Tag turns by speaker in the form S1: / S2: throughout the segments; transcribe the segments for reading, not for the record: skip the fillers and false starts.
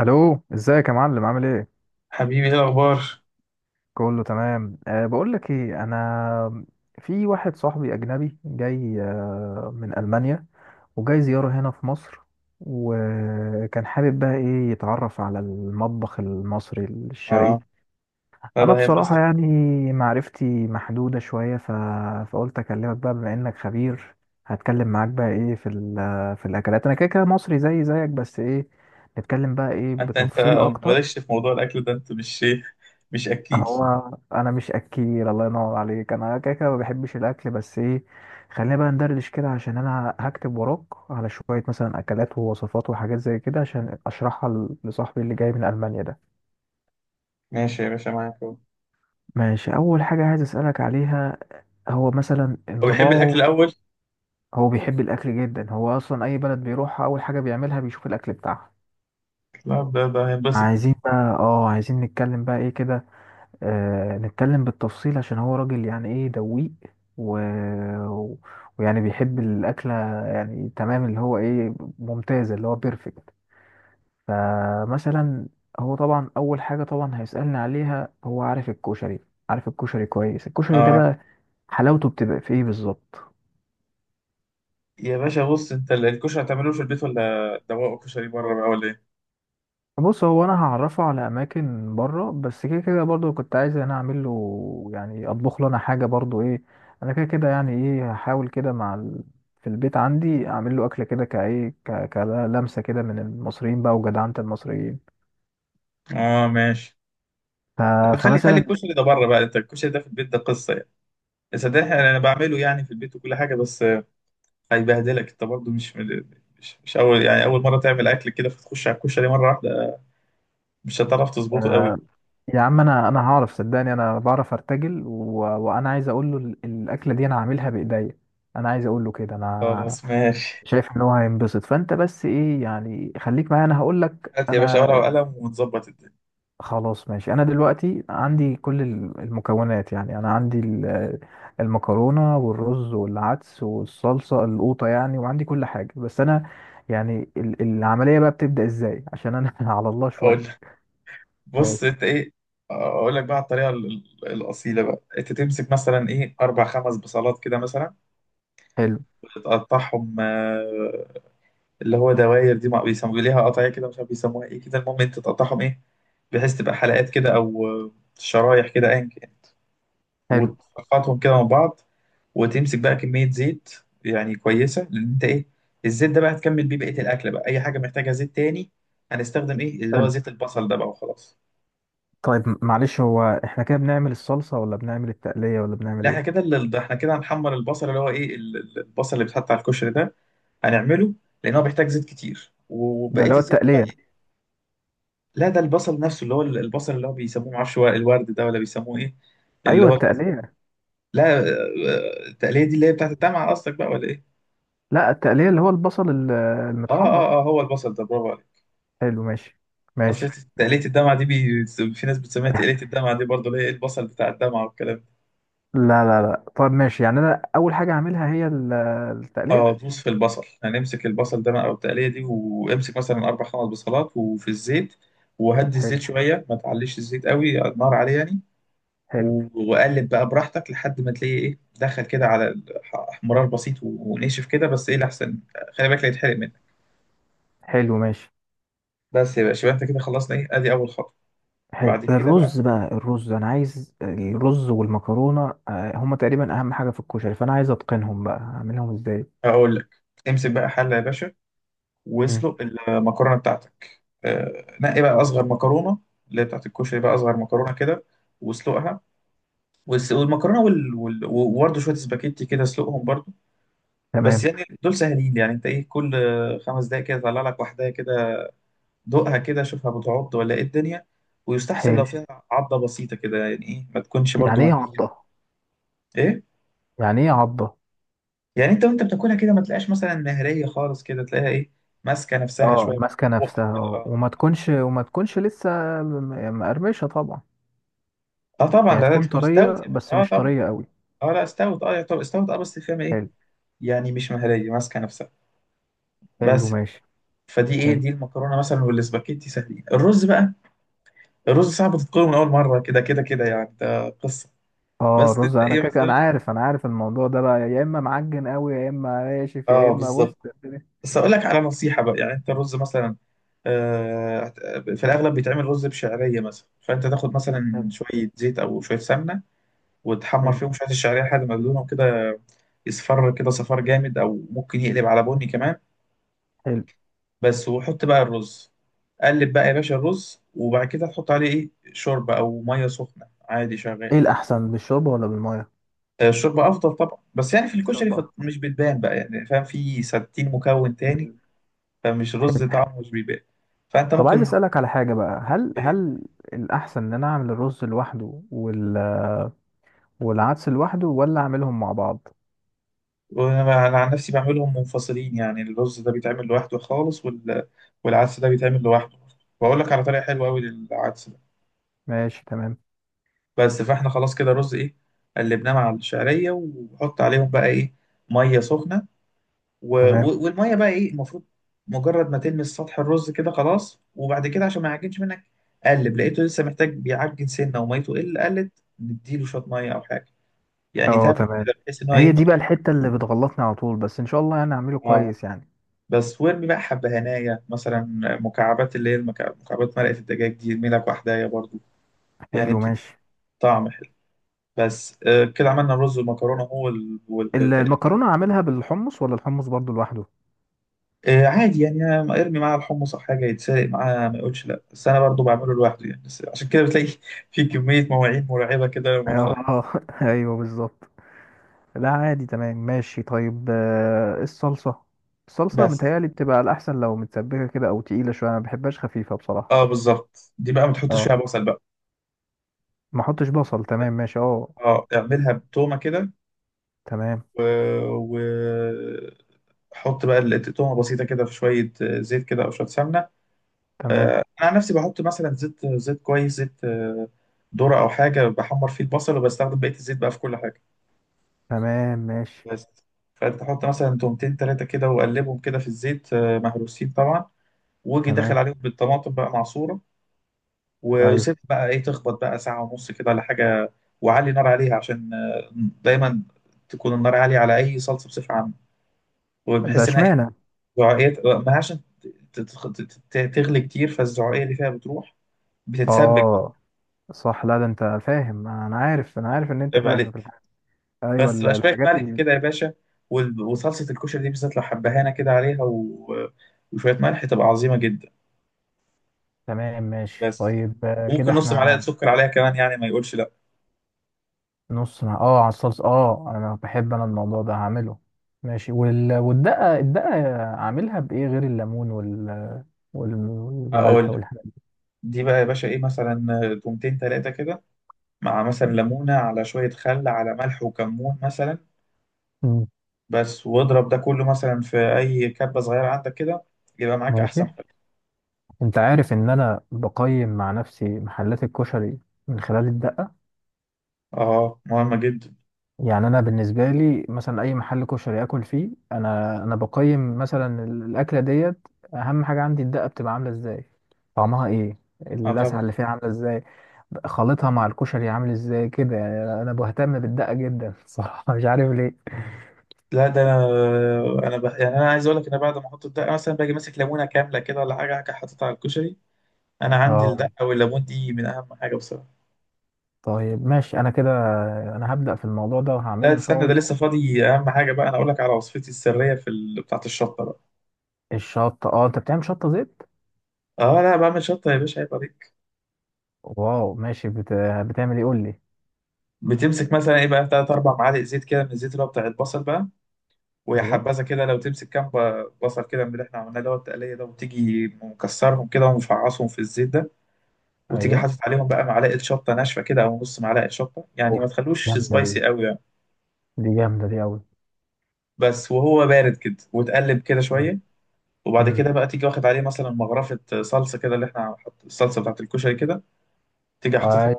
S1: الو، ازيك يا معلم؟ عامل ايه؟
S2: حبيبي، ايه الاخبار؟
S1: كله تمام. بقول لك ايه، انا في واحد صاحبي اجنبي جاي من المانيا، وجاي زياره هنا في مصر، وكان حابب بقى ايه يتعرف على المطبخ المصري الشرقي.
S2: اه. لا ده
S1: انا بصراحه
S2: هينبسط.
S1: يعني معرفتي محدوده شويه فقلت اكلمك بقى بما انك خبير. هتكلم معاك بقى ايه في في الاكلات، انا كده كده مصري زي زيك بس ايه، نتكلم بقى ايه
S2: انت
S1: بتفصيل اكتر.
S2: مالكش في موضوع الاكل ده. انت مش اكيل؟
S1: هو انا مش اكيل، الله ينور عليك، انا كده كده ما بحبش الاكل، بس ايه، خلينا بقى ندردش كده عشان انا هكتب وراك على شويه مثلا اكلات ووصفات وحاجات زي كده عشان اشرحها لصاحبي اللي جاي من المانيا ده.
S2: ماشي يا باشا، معاك اهو.
S1: ماشي، اول حاجه عايز اسالك عليها، هو مثلا
S2: هو بيحب الاكل
S1: انطباعه.
S2: الاول؟
S1: هو بيحب الاكل جدا، هو اصلا اي بلد بيروحها اول حاجه بيعملها بيشوف الاكل بتاعها.
S2: لا ده هينبسط.
S1: عايزين بقى، اه عايزين نتكلم بقى ايه كده. نتكلم بالتفصيل عشان هو راجل يعني ايه دويق و... و- ويعني بيحب الأكلة يعني تمام، اللي هو ايه، ممتازة، اللي هو بيرفكت. فمثلا هو طبعا أول حاجة طبعا هيسألني عليها، هو عارف الكشري، عارف الكشري كويس. الكشري ده
S2: اه.
S1: بقى حلاوته بتبقى في ايه بالظبط؟
S2: يا باشا، بص، انت الكشري هتعمله في البيت ولا دواء كشري بره بقى، ولا ايه؟
S1: بص، هو انا هعرفه على اماكن بره، بس كده كده برضو كنت عايز انا اعمل له، يعني اطبخ له انا حاجه برضو ايه، انا كده كده يعني ايه هحاول كده مع في البيت عندي اعمل له اكله كده، كايه كلمسه كده من المصريين بقى، وجدعنه المصريين.
S2: اه ماشي.
S1: ف...
S2: طب خلي
S1: فمثلا،
S2: الكشري ده بره بقى. انت الكشري ده في البيت ده قصه يعني. صدقني انا بعمله يعني في البيت وكل حاجه، بس هيبهدلك. انت برضه مش اول، يعني اول مره تعمل اكل كده فتخش على الكشري مره واحده مش هتعرف تظبطه قوي.
S1: آه، يا عم انا هعرف، صدقني انا بعرف ارتجل، وانا عايز اقول له الاكله دي انا عاملها بايديا، انا عايز اقول له كده. انا
S2: خلاص ماشي.
S1: شايف ان هو هينبسط، فانت بس ايه يعني خليك معايا، انا هقول لك
S2: هات يا باشا
S1: انا.
S2: ورقة وقلم ونظبط الدنيا.
S1: خلاص ماشي، انا دلوقتي عندي كل المكونات، يعني انا عندي المكرونه والرز والعدس والصلصه القوطه يعني، وعندي كل حاجه، بس انا يعني العمليه بقى بتبدا ازاي عشان انا على الله
S2: أقول
S1: شويه.
S2: لك. بص
S1: ماشي.
S2: أنت إيه، أقول لك بقى على الطريقة الأصيلة بقى. أنت تمسك مثلا إيه أربع خمس بصلات كده مثلا،
S1: حلو
S2: وتقطعهم اللي هو دواير، دي ما بيسموا ليها قطعية كده، مش عارف بيسموها إيه كده، المهم أنت تقطعهم إيه بحيث تبقى حلقات كده، أو شرايح كده، أيا كان،
S1: حلو
S2: وتقطعهم كده من بعض. وتمسك بقى كمية زيت يعني كويسة، لأن أنت إيه الزيت ده بقى هتكمل بيه بقية الأكل، بقى أي حاجة محتاجة زيت تاني هنستخدم إيه اللي هو
S1: حلو.
S2: زيت البصل ده بقى وخلاص.
S1: طيب، معلش، هو احنا كده بنعمل الصلصه ولا بنعمل التقليه ولا بنعمل
S2: لا، احنا
S1: ايه؟
S2: كده ده احنا كده هنحمر البصل، اللي هو ايه البصل اللي بيتحط على الكشري ده هنعمله، لان هو بيحتاج زيت كتير.
S1: ده
S2: وبقيه
S1: اللي هو
S2: الزيت بقى
S1: التقليه.
S2: إيه؟ لا ده البصل نفسه، اللي هو البصل اللي هو بيسموه، معرفش هو الورد ده ولا بيسموه ايه، اللي
S1: ايوه،
S2: هو.
S1: التقليه.
S2: لا التقليه دي اللي هي بتاعت الدمعه قصدك بقى، ولا ايه؟
S1: لا، التقليه اللي هو البصل
S2: اه
S1: المتحمر.
S2: اه اه هو البصل ده، برافو عليك.
S1: حلو، ماشي.
S2: اصل
S1: ماشي
S2: تقليه
S1: ماشي.
S2: الدمعه دي في ناس بتسميها تقليه الدمعه دي برضه، اللي هي إيه، البصل بتاع الدمعه والكلام ده.
S1: لا لا لا، طب ماشي، يعني انا اول حاجه هعملها هي التقليه.
S2: اه، دوس في البصل. هنمسك البصل ده بقى والتقليه دي، وامسك مثلا اربع خمس بصلات وفي الزيت. وهدي الزيت
S1: حلو
S2: شويه، ما تعليش الزيت قوي النار عليه يعني.
S1: حلو
S2: وقلب بقى براحتك لحد ما تلاقي ايه، دخل كده على احمرار بسيط ونشف كده، بس ايه الاحسن خلي بالك لا يتحرق منك.
S1: حلو ماشي.
S2: بس يا باشا، يبقى انت كده خلصنا ايه، ادي اول خطوه.
S1: حلو،
S2: بعد كده بقى
S1: الرز بقى. الرز، انا عايز الرز والمكرونه هما تقريبا اهم حاجه في الكشري، فانا عايز اتقنهم بقى، هعملهم ازاي؟
S2: هقول لك. امسك بقى حله يا باشا،
S1: مم.
S2: واسلق المكرونه بتاعتك. نقي بقى اصغر مكرونه، اللي هي بتاعت الكشري بقى، اصغر مكرونه كده، واسلقها. والمكرونه وبرده شويه سباكيتي كده، اسلقهم برده. بس
S1: تمام.
S2: يعني دول سهلين، يعني انت ايه كل خمس دقايق كده طلع لك واحده كده، دوقها كده، شوفها بتعض ولا ايه الدنيا، ويستحسن لو
S1: حلو.
S2: فيها عضه بسيطه كده، يعني ايه ما تكونش برده
S1: يعني ايه
S2: مهريه.
S1: عضه؟
S2: ايه؟
S1: يعني ايه عضه؟
S2: يعني انت وانت بتاكلها كده ما تلاقيش مثلا مهريه خالص كده، تلاقيها ايه ماسكه نفسها
S1: اه،
S2: شويه في
S1: ماسكه
S2: بقك
S1: نفسها،
S2: كده،
S1: اه،
S2: اه.
S1: وما تكونش وما تكونش لسه مقرمشه طبعا.
S2: اه طبعا،
S1: يعني
S2: لا لا،
S1: تكون
S2: تكون استوت
S1: طريه
S2: يا باشا،
S1: بس
S2: اه
S1: مش
S2: طبعا.
S1: طريه قوي.
S2: اه لا استوت، اه طب استوت اه، بس فاهم ايه؟
S1: حلو.
S2: يعني مش مهريه، ماسكه نفسها
S1: حلو
S2: بس.
S1: ماشي.
S2: فدي ايه،
S1: حلو.
S2: دي المكرونه مثلا والاسباجيتي سهلين. الرز بقى، الرز صعب تتقوله من اول مره، كده كده كده يعني، ده قصه.
S1: اه،
S2: بس
S1: رز،
S2: انت
S1: انا
S2: ايه
S1: كده انا
S2: مثلا،
S1: عارف، عارف الموضوع ده بقى، يا اما معجن قوي يا اما ناشف يا
S2: اه
S1: اما بص
S2: بالظبط.
S1: الدنيا.
S2: بس اقول لك على نصيحه بقى، يعني انت الرز مثلا آه في الاغلب بيتعمل رز بشعريه مثلا، فانت تاخد مثلا
S1: حلو
S2: شويه زيت او شويه سمنه، وتحمر
S1: حلو
S2: فيهم شويه الشعريه لحد ما لونهم كده يصفر كده صفار جامد، او ممكن يقلب على بني كمان.
S1: حلو.
S2: بس، وحط بقى الرز. قلب بقى يا باشا الرز، وبعد كده تحط عليه ايه شوربه او ميه سخنه عادي
S1: ايه
S2: شغال.
S1: الاحسن، بالشوربه ولا بالميه؟
S2: الشوربة أفضل طبعا، بس يعني في الكشري
S1: الشوربه أكتر.
S2: مش بتبان بقى، يعني فاهم، في 60 مكون تاني،
S1: مم.
S2: فمش رز، طعمه مش بيبان. فأنت
S1: طب عايز
S2: ممكن
S1: اسالك على حاجه بقى،
S2: إيه.
S1: هل الاحسن ان انا اعمل الرز لوحده والعدس لوحده، ولا اعملهم مع بعض؟
S2: وأنا عن نفسي بعملهم منفصلين، يعني الرز ده بيتعمل لوحده خالص والعدس ده بيتعمل لوحده. وأقول لك على طريقة حلوة أوي
S1: مم.
S2: للعدس ده.
S1: ماشي، تمام.
S2: بس فإحنا خلاص كده الرز إيه، قلبناه مع الشعرية وحط عليهم بقى إيه مية سخنة.
S1: تمام.
S2: والميه بقى ايه المفروض مجرد ما تلمس سطح الرز كده خلاص. وبعد كده عشان ما يعجنش منك قلب، لقيته لسه محتاج بيعجن سنه وميته، قلت نديله شويه ميه او حاجه، يعني
S1: اه
S2: تابعه
S1: تمام.
S2: كده بحيث ان هو
S1: هي
S2: ايه.
S1: دي بقى الحته اللي بتغلطني على طول، بس ان شاء الله يعني اعمله
S2: اه
S1: كويس يعني.
S2: بس، وارمي بقى حبه هنايا مثلا مكعبات، اللي هي مكعبات مرقه الدجاج دي، ارمي لك واحدايه برضو، يعني
S1: حلو
S2: بتدي
S1: ماشي.
S2: طعم حلو. بس كده عملنا الرز والمكرونه. هو
S1: المكرونه اعملها بالحمص ولا الحمص برضو لوحده؟
S2: عادي، يعني أنا ارمي معاه الحمص او حاجه يتسرق معاه ما يقولش لا، بس انا برضو بعمله لوحده يعني، بس عشان كده بتلاقي في كميه مواعين مرعبه كده لما تخلص.
S1: اه ايوه بالظبط. لا عادي، تمام ماشي. طيب الصلصة. الصلصة
S2: بس
S1: متهيألي بتبقى الأحسن لو متسبكة كده أو تقيلة شوية، أنا مبحبهاش خفيفة بصراحة.
S2: اه بالظبط، دي بقى ما تحطش
S1: اه.
S2: فيها بصل بقى.
S1: ما احطش بصل، تمام ماشي، اه.
S2: اه، اعملها بتومه كده.
S1: تمام.
S2: و... و... حط بقى تومه بسيطه كده في شويه زيت كده او شويه سمنه.
S1: تمام.
S2: انا عن نفسي بحط مثلا زيت، زيت كويس، زيت ذره او حاجه، بحمر فيه البصل وبستخدم بقيه الزيت بقى في كل حاجه.
S1: تمام ماشي.
S2: بس. فانت تحط مثلا تومتين تلاتة كده وقلبهم كده في الزيت، مهروسين طبعا، واجي داخل
S1: تمام.
S2: عليهم بالطماطم بقى معصورة،
S1: أيوه.
S2: وسيب بقى ايه تخبط بقى ساعة ونص كده ولا حاجة. وعلي نار عليها، عشان دايما تكون النار عالية على أي صلصة بصفة عامة،
S1: ده
S2: وبحيث إنها ايه
S1: اشمعنى؟
S2: زعقية- ما عشان تتخ- ت- تغلي كتير فالزعقية اللي فيها بتروح، بتتسبك.
S1: اه. صح، لا ده أنت فاهم، أنا عارف عارف إن أنت
S2: عيب
S1: فاهم في
S2: عليك.
S1: الحاجة. أيوه
S2: بس بقى شوية
S1: الحاجات
S2: ملح كده يا باشا، وصلصة الكشري دي بالذات لو حبهانة كده عليها وشوية ملح، تبقى عظيمة جدا.
S1: تمام ماشي.
S2: بس
S1: طيب كده
S2: ممكن نص معلقه
S1: احنا.
S2: سكر عليها كمان، يعني ما يقولش لا.
S1: نص مع اه، على الصلصة، اه انا بحب، انا الموضوع ده هعمله. ماشي والدقة. الدقة عاملها بايه غير الليمون والملح
S2: اقول لك.
S1: والحاجات؟
S2: دي بقى يا باشا ايه مثلا تومتين تلاتة كده مع مثلا
S1: دي.
S2: ليمونه، على شويه خل، على ملح وكمون مثلا.
S1: مم.
S2: بس واضرب ده كله مثلا في اي كبه صغيره عندك كده، يبقى معاك
S1: ماشي.
S2: احسن حاجه.
S1: انت عارف ان انا بقيم مع نفسي محلات الكشري من خلال الدقة.
S2: اه مهمه جدا.
S1: يعني انا بالنسبه لي مثلا اي محل كشري اكل فيه، انا بقيم مثلا الاكله ديت، اهم حاجه عندي الدقه بتبقى عامله ازاي، طعمها ايه،
S2: اه
S1: اللسعه
S2: طبعا،
S1: اللي فيها عامله ازاي، خلطها مع الكشري عامل ازاي، كده يعني انا بهتم بالدقه جدا صراحه مش عارف ليه.
S2: لا ده يعني انا عايز اقول لك انا بعد ما احط الدقه مثلا باجي ماسك ليمونه كامله كده ولا حاجه حاططها على الكشري. انا عندي
S1: اه.
S2: الدقه والليمون دي من اهم حاجه بصراحه.
S1: طيب ماشي، انا كده انا هبدا في الموضوع ده،
S2: لا
S1: وهعمله ان شاء
S2: استنى، ده
S1: الله.
S2: لسه فاضي. اهم حاجه بقى انا اقول لك على وصفتي السريه في بتاعه الشطه بقى.
S1: الشطه، اه انت بتعمل شطه زيت؟
S2: اه، لا بعمل شطه يا باشا، عيب عليك.
S1: واو ماشي، بتعمل ايه قول لي.
S2: بتمسك مثلا ايه بقى تلات اربع معالق زيت كده من الزيت اللي هو بتاع البصل بقى، ويا
S1: ايوه.
S2: حبذا كده لو تمسك كام بصل كده من اللي احنا عملناه اللي هو التقليه ده، وتيجي مكسرهم كده ومفعصهم في الزيت ده، وتيجي
S1: ايوه،
S2: حاطط عليهم بقى معلقه شطه ناشفه كده او نص معلقه شطه، يعني
S1: اوف،
S2: ما تخلوش
S1: جامده دي،
S2: سبايسي قوي يعني.
S1: دي جامده دي
S2: بس، وهو بارد كده وتقلب كده
S1: قوي.
S2: شويه، وبعد
S1: امم.
S2: كده بقى تيجي واخد عليه مثلا مغرفه صلصه كده، اللي احنا حط الصلصه بتاعت الكشري كده، تيجي حاططها.
S1: اي.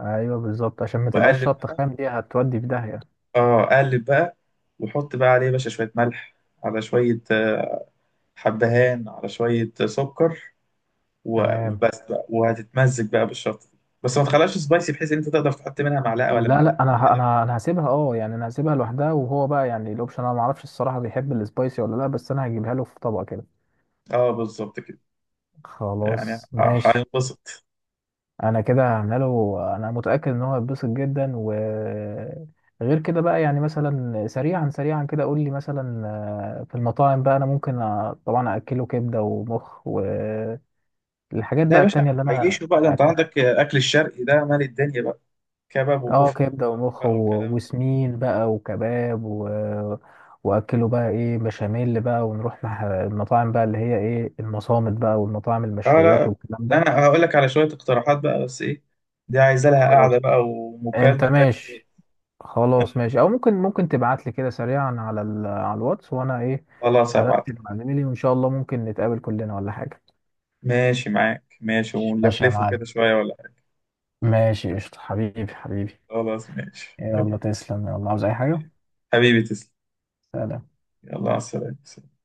S1: ايوه بالظبط، عشان ما تبقاش
S2: واقلب
S1: شطه
S2: بقى،
S1: خام دي، هتودي في داهيه.
S2: اه، اقلب بقى. واحط بقى عليه يا باشا شويه ملح، على شويه حبهان، على شويه سكر.
S1: تمام.
S2: وبس بقى، وهتتمزج بقى بالشطه دي، بس ما تخليهاش سبايسي، بحيث ان انت تقدر تحط منها معلقه ولا
S1: لا لا،
S2: معلقتين
S1: انا
S2: كده.
S1: انا هسيبها، اه يعني انا هسيبها لوحدها، وهو بقى يعني الاوبشن، انا ما اعرفش الصراحه بيحب السبايسي ولا لا، بس انا هجيبها له في طبق كده.
S2: اه بالظبط كده، يعني
S1: خلاص ماشي.
S2: هينبسط.
S1: انا كده هعملها له، انا متاكد ان هو هيتبسط جدا. و غير كده بقى، يعني مثلا سريعا سريعا كده قول لي مثلا، في المطاعم بقى انا ممكن طبعا اكله كبده ومخ والحاجات
S2: لا
S1: بقى،
S2: يا باشا،
S1: التانية اللي انا،
S2: عيشه بقى، ده انت عندك اكل الشرقي ده مال الدنيا بقى. كباب
S1: اه
S2: وكفته
S1: كبده
S2: وطرب
S1: ومخ
S2: بقى والكلام ده.
S1: وسمين بقى وكباب واكله بقى ايه بشاميل بقى، ونروح مع المطاعم بقى اللي هي ايه، المصامت بقى، والمطاعم
S2: اه
S1: المشويات
S2: لا،
S1: والكلام ده.
S2: انا هقول لك على شويه اقتراحات بقى، بس ايه، دي عايزه لها قعده
S1: خلاص،
S2: بقى
S1: انت
S2: ومكالمه
S1: ماشي.
S2: تانيه.
S1: خلاص ماشي. او ممكن تبعت لي كده سريعا على على الواتس، وانا ايه
S2: خلاص، هبعت.
S1: هرتب مع زميلي، وان شاء الله ممكن نتقابل كلنا ولا حاجه.
S2: ماشي معاك، ماشي،
S1: ماشي يا
S2: ونلفلفه كده
S1: معلم.
S2: شوية ولا حاجة.
S1: ماشي قشطة، حبيبي حبيبي.
S2: خلاص ماشي،
S1: يلا
S2: حبيبي.
S1: تسلم، يلا عاوز اي حاجة.
S2: حبيبي تسلم.
S1: سلام.
S2: يلا على السلامة.